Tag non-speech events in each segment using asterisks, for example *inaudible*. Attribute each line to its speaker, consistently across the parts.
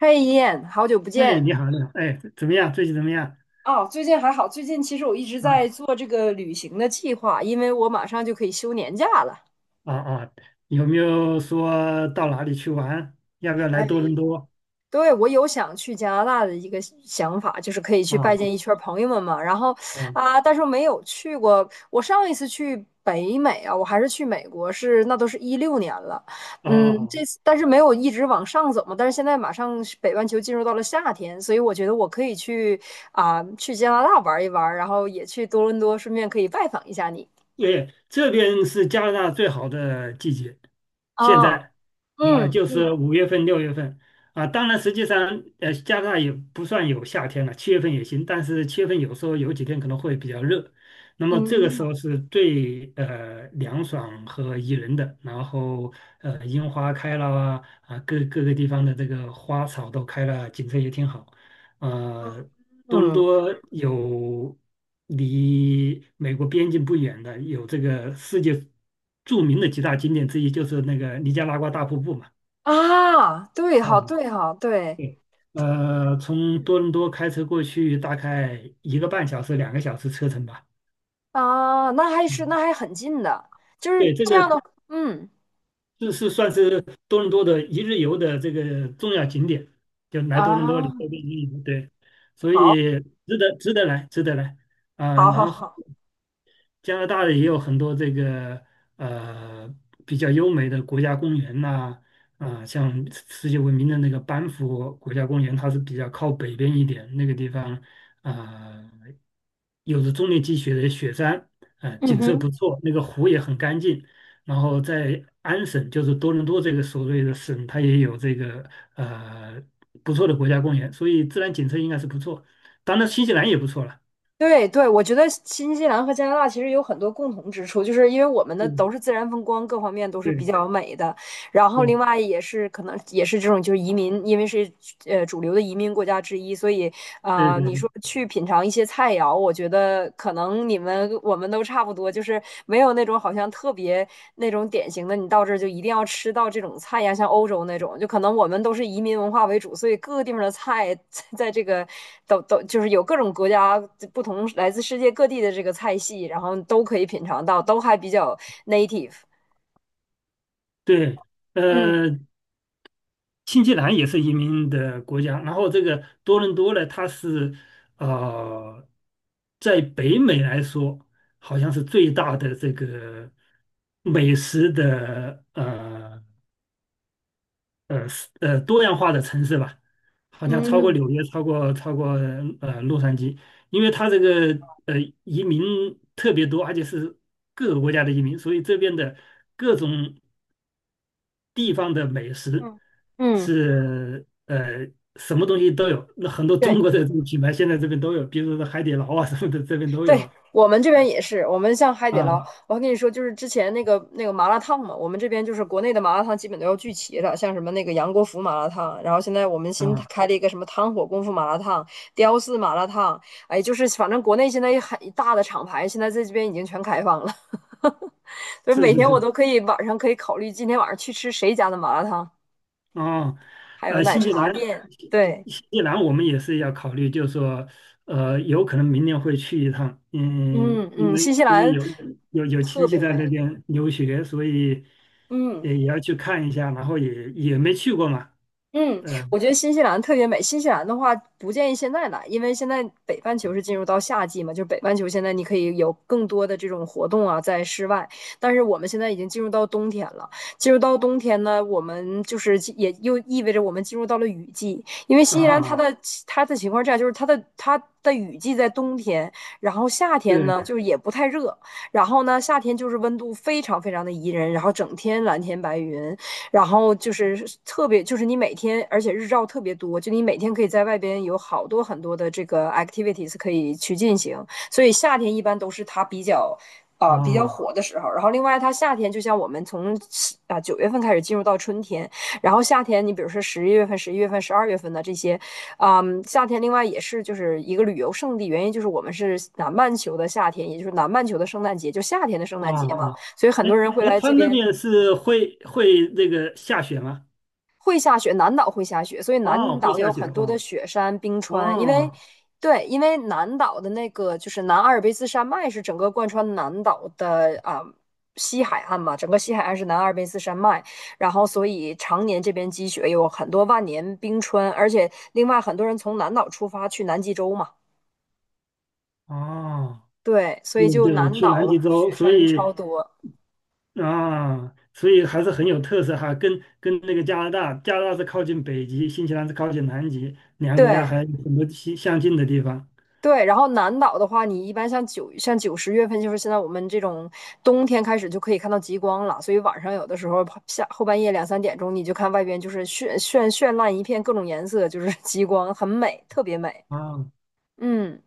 Speaker 1: 嘿，一燕，好久不
Speaker 2: 哎，
Speaker 1: 见。
Speaker 2: 你好，你好，哎，怎么样？最近怎么样？
Speaker 1: 哦，最近还好，最近其实我一直在
Speaker 2: 啊
Speaker 1: 做这个旅行的计划，因为我马上就可以休年假了。
Speaker 2: 啊啊，有没有说到哪里去玩？要不要来多
Speaker 1: 哎。
Speaker 2: 伦多？
Speaker 1: 对，我有想去加拿大的一个想法，就是可以去拜见一
Speaker 2: 啊
Speaker 1: 圈儿朋友们嘛。然后
Speaker 2: 啊
Speaker 1: 啊，但是我没有去过。我上一次去北美啊，我还是去美国，是那都是16年了。
Speaker 2: 啊
Speaker 1: 嗯，这
Speaker 2: 啊！
Speaker 1: 次但是没有一直往上走嘛。但是现在马上是北半球进入到了夏天，所以我觉得我可以去啊，去加拿大玩一玩，然后也去多伦多，顺便可以拜访一下你。
Speaker 2: 对，这边是加拿大最好的季节，现
Speaker 1: 啊。
Speaker 2: 在啊，
Speaker 1: 嗯
Speaker 2: 就是
Speaker 1: 嗯
Speaker 2: 5月份、6月份啊。当然，实际上加拿大也不算有夏天了，七月份也行，但是七月份有时候有几天可能会比较热。那么这个时
Speaker 1: 嗯
Speaker 2: 候是最凉爽和宜人的，然后樱花开了啊，各个地方的这个花草都开了，景色也挺好。
Speaker 1: 嗯
Speaker 2: 呃，多伦
Speaker 1: 嗯
Speaker 2: 多有离美国边境不远的，有这个世界著名的几大景点之一，就是那个尼加拉瓜大瀑布嘛。
Speaker 1: 啊，对哈
Speaker 2: 哦，
Speaker 1: 对哈对。
Speaker 2: 对，从多伦多开车过去大概1个半小时、2个小时车程吧。
Speaker 1: 啊，那还是
Speaker 2: 嗯，
Speaker 1: 那还很近的，就是
Speaker 2: 对，这
Speaker 1: 这
Speaker 2: 个
Speaker 1: 样的。嗯
Speaker 2: 这是算是多伦多的一日游的这个重要景点，就来多伦多你
Speaker 1: 啊，
Speaker 2: 周边一日游，对，所
Speaker 1: 好，
Speaker 2: 以值得来，值得来啊、
Speaker 1: 好，
Speaker 2: 然
Speaker 1: 好，
Speaker 2: 后
Speaker 1: 好。
Speaker 2: 加拿大的也有很多这个呃比较优美的国家公园呐、啊，像世界闻名的那个班夫国家公园，它是比较靠北边一点，那个地方啊、有着终年积雪的雪山，
Speaker 1: 嗯
Speaker 2: 景色
Speaker 1: 哼。
Speaker 2: 不错，那个湖也很干净。然后在安省，就是多伦多这个所谓的省，它也有这个呃不错的国家公园，所以自然景色应该是不错。当然，新西兰也不错了。
Speaker 1: 对对，我觉得新西兰和加拿大其实有很多共同之处，就是因为我们的都
Speaker 2: 嗯，
Speaker 1: 是自然风光，各方面都是比
Speaker 2: 对
Speaker 1: 较美的，然后另
Speaker 2: 对
Speaker 1: 外也是可能也是这种就是移民，因为是主流的移民国家之一，所以
Speaker 2: 对
Speaker 1: 啊、
Speaker 2: 对
Speaker 1: 你
Speaker 2: 对。
Speaker 1: 说去品尝一些菜肴，我觉得可能你们我们都差不多，就是没有那种好像特别那种典型的，你到这儿就一定要吃到这种菜呀，像欧洲那种，就可能我们都是移民文化为主，所以各个地方的菜在这个都就是有各种国家不同来自世界各地的这个菜系，然后都可以品尝到，都还比较 native。
Speaker 2: 对，
Speaker 1: 嗯
Speaker 2: 呃，新西兰也是移民的国家，然后这个多伦多呢，它是呃，在北美来说，好像是最大的这个美食的是多样化的城市吧，好像超过
Speaker 1: 嗯。
Speaker 2: 纽约，超过洛杉矶，因为它这个呃移民特别多，而且是各个国家的移民，所以这边的各种，地方的美食
Speaker 1: 嗯嗯
Speaker 2: 是什么东西都有，那很多
Speaker 1: 对
Speaker 2: 中国的这个品牌现在这边都有，比如说海底捞啊什么的，这边都有
Speaker 1: 对，
Speaker 2: 了。
Speaker 1: 我们这边也是，我们像海底捞，
Speaker 2: 啊
Speaker 1: 我还跟你说，就是之前那个麻辣烫嘛，我们这边就是国内的麻辣烫基本都要聚齐了，像什么那个杨国福麻辣烫，然后现在我们新
Speaker 2: 啊，
Speaker 1: 开了一个什么汤火功夫麻辣烫、雕四麻辣烫。哎，就是反正国内现在一很一大的厂牌，现在在这边已经全开放了，*laughs* 所以
Speaker 2: 是
Speaker 1: 每
Speaker 2: 是
Speaker 1: 天我
Speaker 2: 是，
Speaker 1: 都可以晚上可以考虑今天晚上去吃谁家的麻辣烫。
Speaker 2: 啊，
Speaker 1: 还有奶
Speaker 2: 新西
Speaker 1: 茶
Speaker 2: 兰，
Speaker 1: 店，
Speaker 2: 新
Speaker 1: 对。
Speaker 2: 新西兰我们也是要考虑，就是说，有可能明年会去一趟，嗯，
Speaker 1: 嗯
Speaker 2: 因
Speaker 1: 嗯，
Speaker 2: 为
Speaker 1: 新西
Speaker 2: 因为
Speaker 1: 兰
Speaker 2: 有亲
Speaker 1: 特
Speaker 2: 戚
Speaker 1: 别
Speaker 2: 在
Speaker 1: 美。
Speaker 2: 那边留学，所以
Speaker 1: 嗯。
Speaker 2: 也要去看一下，然后也没去过嘛，
Speaker 1: 嗯，
Speaker 2: 嗯、
Speaker 1: 我觉得新西兰特别美。新西兰的话，不建议现在来，因为现在北半球是进入到夏季嘛，就是北半球现在你可以有更多的这种活动啊，在室外。但是我们现在已经进入到冬天了，进入到冬天呢，我们就是进也又意味着我们进入到了雨季，因为
Speaker 2: 呃
Speaker 1: 新西兰
Speaker 2: 啊，
Speaker 1: 它的情况这样，就是它的雨季在冬天，然后夏天呢
Speaker 2: 对
Speaker 1: 就是也不太热，然后呢夏天就是温度非常非常的宜人，然后整天蓝天白云。然后就是特别，就是你每天，而且日照特别多，就你每天可以在外边有好多很多的这个 activities 可以去进行，所以夏天一般都是它比较。啊、比较
Speaker 2: 啊。
Speaker 1: 火的时候，然后另外它夏天就像我们从九月份开始进入到春天，然后夏天你比如说十一月份、12月份的这些。嗯，夏天另外也是就是一个旅游胜地，原因就是我们是南半球的夏天，也就是南半球的圣诞节，就夏天的圣
Speaker 2: 啊
Speaker 1: 诞节嘛，
Speaker 2: 啊，
Speaker 1: 所以很
Speaker 2: 哎
Speaker 1: 多人会
Speaker 2: 哎，
Speaker 1: 来
Speaker 2: 他
Speaker 1: 这
Speaker 2: 那
Speaker 1: 边
Speaker 2: 边是会那个下雪吗？
Speaker 1: 会下雪，南岛会下雪，所以
Speaker 2: 哦，
Speaker 1: 南
Speaker 2: 会
Speaker 1: 岛
Speaker 2: 下
Speaker 1: 有
Speaker 2: 雪
Speaker 1: 很多的
Speaker 2: 哈。
Speaker 1: 雪山、冰川。因为，
Speaker 2: 哦
Speaker 1: 对，因为南岛的那个就是南阿尔卑斯山脉是整个贯穿南岛的啊、西海岸嘛，整个西海岸是南阿尔卑斯山脉，然后所以常年这边积雪，有很多万年冰川，而且另外很多人从南岛出发去南极洲嘛，
Speaker 2: 哦，
Speaker 1: 对，所以
Speaker 2: 对
Speaker 1: 就
Speaker 2: 对，
Speaker 1: 南
Speaker 2: 去南
Speaker 1: 岛
Speaker 2: 极洲，
Speaker 1: 雪
Speaker 2: 所
Speaker 1: 山
Speaker 2: 以
Speaker 1: 超多，
Speaker 2: 啊，所以还是很有特色哈。跟那个加拿大，加拿大是靠近北极，新西兰是靠近南极，两个国家
Speaker 1: 对。
Speaker 2: 还有很多相近的地方。
Speaker 1: 对，然后南岛的话，你一般像九十月份，就是现在我们这种冬天开始就可以看到极光了，所以晚上有的时候下后半夜两三点钟，你就看外边就是绚绚绚烂一片，各种颜色，就是 *laughs* 极光，很美，特别美。
Speaker 2: 啊
Speaker 1: 嗯，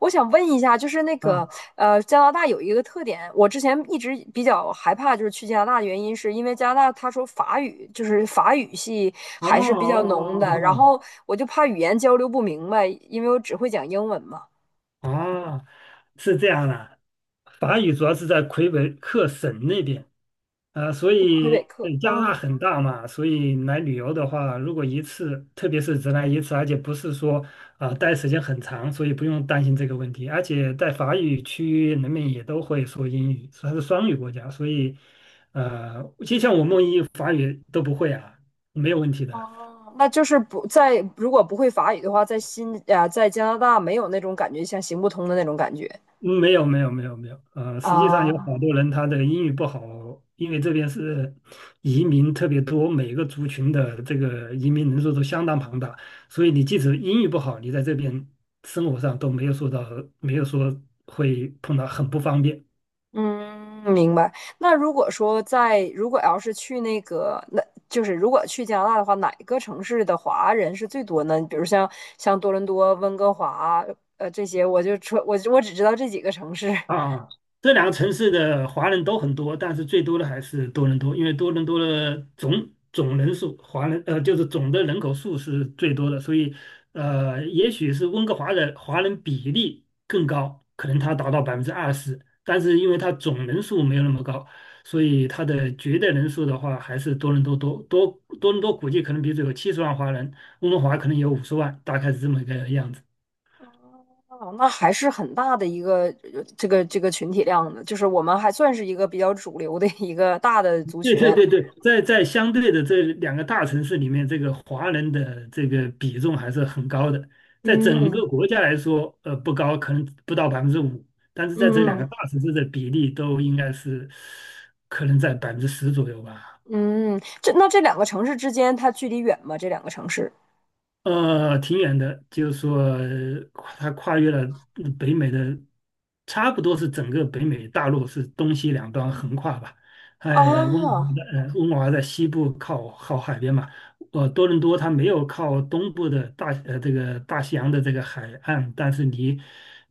Speaker 1: 我想问一下，就是那个，
Speaker 2: 啊，
Speaker 1: 加拿大有一个特点，我之前一直比较害怕，就是去加拿大的原因，是因为加拿大他说法语，就是法语系
Speaker 2: 哦哦
Speaker 1: 还是比较浓的，
Speaker 2: 哦哦
Speaker 1: 然
Speaker 2: 哦。
Speaker 1: 后我就怕语言交流不明白，因为我只会讲英文嘛。
Speaker 2: 哦，是这样的，法语主要是在魁北克省那边，所
Speaker 1: 魁北
Speaker 2: 以
Speaker 1: 克。
Speaker 2: 对加拿大
Speaker 1: 嗯，
Speaker 2: 很大嘛，所以来旅游的话，如果一次，特别是只来一次，而且不是说啊、待时间很长，所以不用担心这个问题。而且在法语区人们也都会说英语，它是双语国家，所以就像我们一法语都不会啊，没有问题的。
Speaker 1: 哦，那就是不在，如果不会法语的话，在新啊，在加拿大没有那种感觉，像行不通的那种感觉
Speaker 2: 嗯，没有没有没有没有，实际上有好
Speaker 1: 啊。
Speaker 2: 多人他的英语不好，因为这边是移民特别多，每个族群的这个移民人数都相当庞大，所以你即使英语不好，你在这边生活上都没有受到，没有说会碰到很不方便。
Speaker 1: 嗯，明白。那如果说在，如果要是去那个，那就是如果去加拿大的话，哪个城市的华人是最多呢？比如像多伦多、温哥华，这些，我就说，我只知道这几个城市。
Speaker 2: 啊，这两个城市的华人都很多，但是最多的还是多伦多，因为多伦多的总人数，华人就是总的人口数是最多的，所以也许是温哥华的华人比例更高，可能它达到20%，但是因为它总人数没有那么高，所以它的绝对人数的话还是多伦多估计可能比如说有70万华人，温哥华可能有50万，大概是这么一个样子。
Speaker 1: 哦，那还是很大的一个这个群体量的，就是我们还算是一个比较主流的一个大的
Speaker 2: *laughs*
Speaker 1: 族
Speaker 2: 对
Speaker 1: 群。
Speaker 2: 对对对，在相对的这两个大城市里面，这个华人的这个比重还是很高的。在整
Speaker 1: 嗯
Speaker 2: 个国家来说，不高，可能不到5%，但是在这两
Speaker 1: 嗯
Speaker 2: 个大城市的比例都应该是可能在10%左右吧。
Speaker 1: 嗯，这两个城市之间它距离远吗？这两个城市
Speaker 2: 挺远的，就是说它跨越了北美的，差不多是整个北美大陆是东西两端横跨吧。哎，温哥华
Speaker 1: 啊，
Speaker 2: 在呃温哥华在西部靠海边嘛，多伦多它没有靠东部的这个大西洋的这个海岸，但是离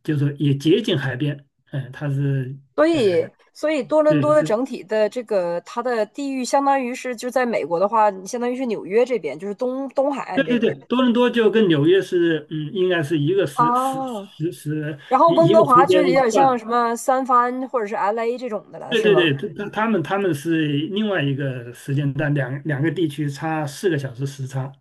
Speaker 2: 就是说也接近海边，嗯、它是
Speaker 1: 所
Speaker 2: 呃
Speaker 1: 以所以多伦多
Speaker 2: 对
Speaker 1: 的
Speaker 2: 是。
Speaker 1: 整体的这个它的地域相当于是就在美国的话，你相当于是纽约这边，就是东东海
Speaker 2: 对
Speaker 1: 岸这
Speaker 2: 对
Speaker 1: 边
Speaker 2: 对，多伦多就跟纽约是，嗯，应该是一个时时
Speaker 1: 啊。
Speaker 2: 时时
Speaker 1: 然后
Speaker 2: 一
Speaker 1: 温
Speaker 2: 一个
Speaker 1: 哥
Speaker 2: 时
Speaker 1: 华
Speaker 2: 间
Speaker 1: 就有点像
Speaker 2: 段，
Speaker 1: 什么三藩或者是 LA 这种的了，
Speaker 2: 对
Speaker 1: 是
Speaker 2: 对
Speaker 1: 吗？
Speaker 2: 对，他们是另外一个时间段，两个地区差4个小时时差。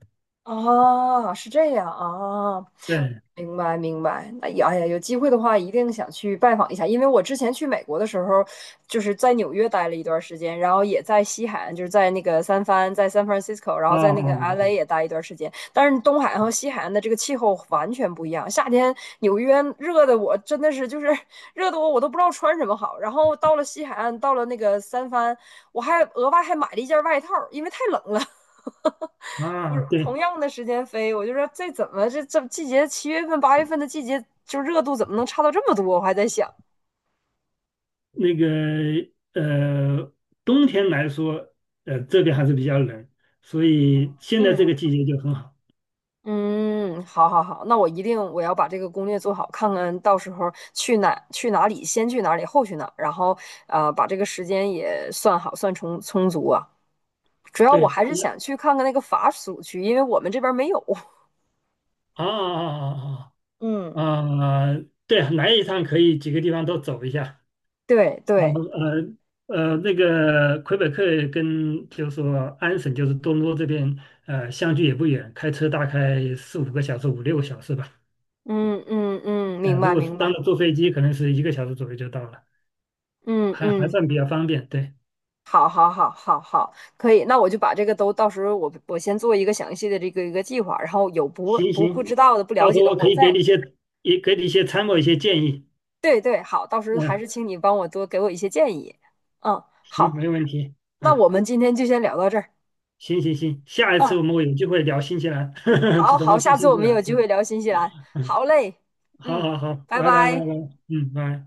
Speaker 1: 啊，是这样啊，
Speaker 2: 对，
Speaker 1: 明白，明白。那也，哎呀，有机会的话，一定想去拜访一下。因为我之前去美国的时候，就是在纽约待了一段时间，然后也在西海岸，就是在那个三藩，在 San Francisco，然
Speaker 2: 哦
Speaker 1: 后在那个 LA
Speaker 2: 哦
Speaker 1: 也待一段时间。但是东海岸和西海岸的这个气候完全不一样。夏天纽约热的我真的是就是 *laughs* 热的我都不知道穿什么好。然后到了西海岸，到了那个三藩，我还额外还买了一件外套，因为太冷了。*laughs*
Speaker 2: 哦，
Speaker 1: 不
Speaker 2: 啊，
Speaker 1: 是
Speaker 2: 对，
Speaker 1: 同样的时间飞，我就说这怎么这季节7月份8月份的季节，就热度怎么能差到这么多？我还在想。
Speaker 2: 那个呃，冬天来说，这边还是比较冷，所以现在这
Speaker 1: 嗯
Speaker 2: 个季节就很好。
Speaker 1: 嗯，好好好，那我一定我要把这个攻略做好，看看到时候去哪去哪里，先去哪里，后去哪，然后把这个时间也算好，算充充足啊。主要我
Speaker 2: 对，
Speaker 1: 还是想去看看那个法属区，因为我们这边没有。*laughs*
Speaker 2: 啊啊啊
Speaker 1: 嗯，
Speaker 2: 啊啊啊，啊对，来一趟可以几个地方都走一下。
Speaker 1: 对
Speaker 2: 然
Speaker 1: 对。
Speaker 2: 后那个魁北克跟就是说安省，就是多伦多这边，相距也不远，开车大概四五个小时、五六个小时吧。
Speaker 1: 嗯嗯嗯，明
Speaker 2: 如
Speaker 1: 白
Speaker 2: 果是
Speaker 1: 明
Speaker 2: 当
Speaker 1: 白。
Speaker 2: 然坐飞机，可能是1个小时左右就到了，
Speaker 1: 嗯
Speaker 2: 还
Speaker 1: 嗯。
Speaker 2: 算比较方便。对，
Speaker 1: 好，好，好，好，好，可以。那我就把这个都到时候我先做一个详细的这个一个计划，然后有不
Speaker 2: 行
Speaker 1: 不不知
Speaker 2: 行，
Speaker 1: 道的、不了
Speaker 2: 到时
Speaker 1: 解
Speaker 2: 候
Speaker 1: 的，
Speaker 2: 我可
Speaker 1: 我
Speaker 2: 以给
Speaker 1: 再
Speaker 2: 你一些，也给你一些参谋、一些建议。
Speaker 1: 对对。好，到时候还是
Speaker 2: 嗯、
Speaker 1: 请你帮我多给我一些建议。嗯。
Speaker 2: 行，
Speaker 1: 好，
Speaker 2: 没问题。
Speaker 1: 那
Speaker 2: 啊，
Speaker 1: 我们今天就先聊到这儿。
Speaker 2: 行行行，下一
Speaker 1: 嗯，
Speaker 2: 次我们有机会聊新西兰，*laughs* 就
Speaker 1: 好
Speaker 2: 怎
Speaker 1: 好，
Speaker 2: 么去
Speaker 1: 下次
Speaker 2: 新
Speaker 1: 我
Speaker 2: 西
Speaker 1: 们有
Speaker 2: 兰。
Speaker 1: 机
Speaker 2: 嗯，
Speaker 1: 会聊新西兰。
Speaker 2: 嗯
Speaker 1: 好嘞，
Speaker 2: 好
Speaker 1: 嗯，
Speaker 2: 好好，
Speaker 1: 拜
Speaker 2: 拜拜拜拜，
Speaker 1: 拜。
Speaker 2: 嗯，拜。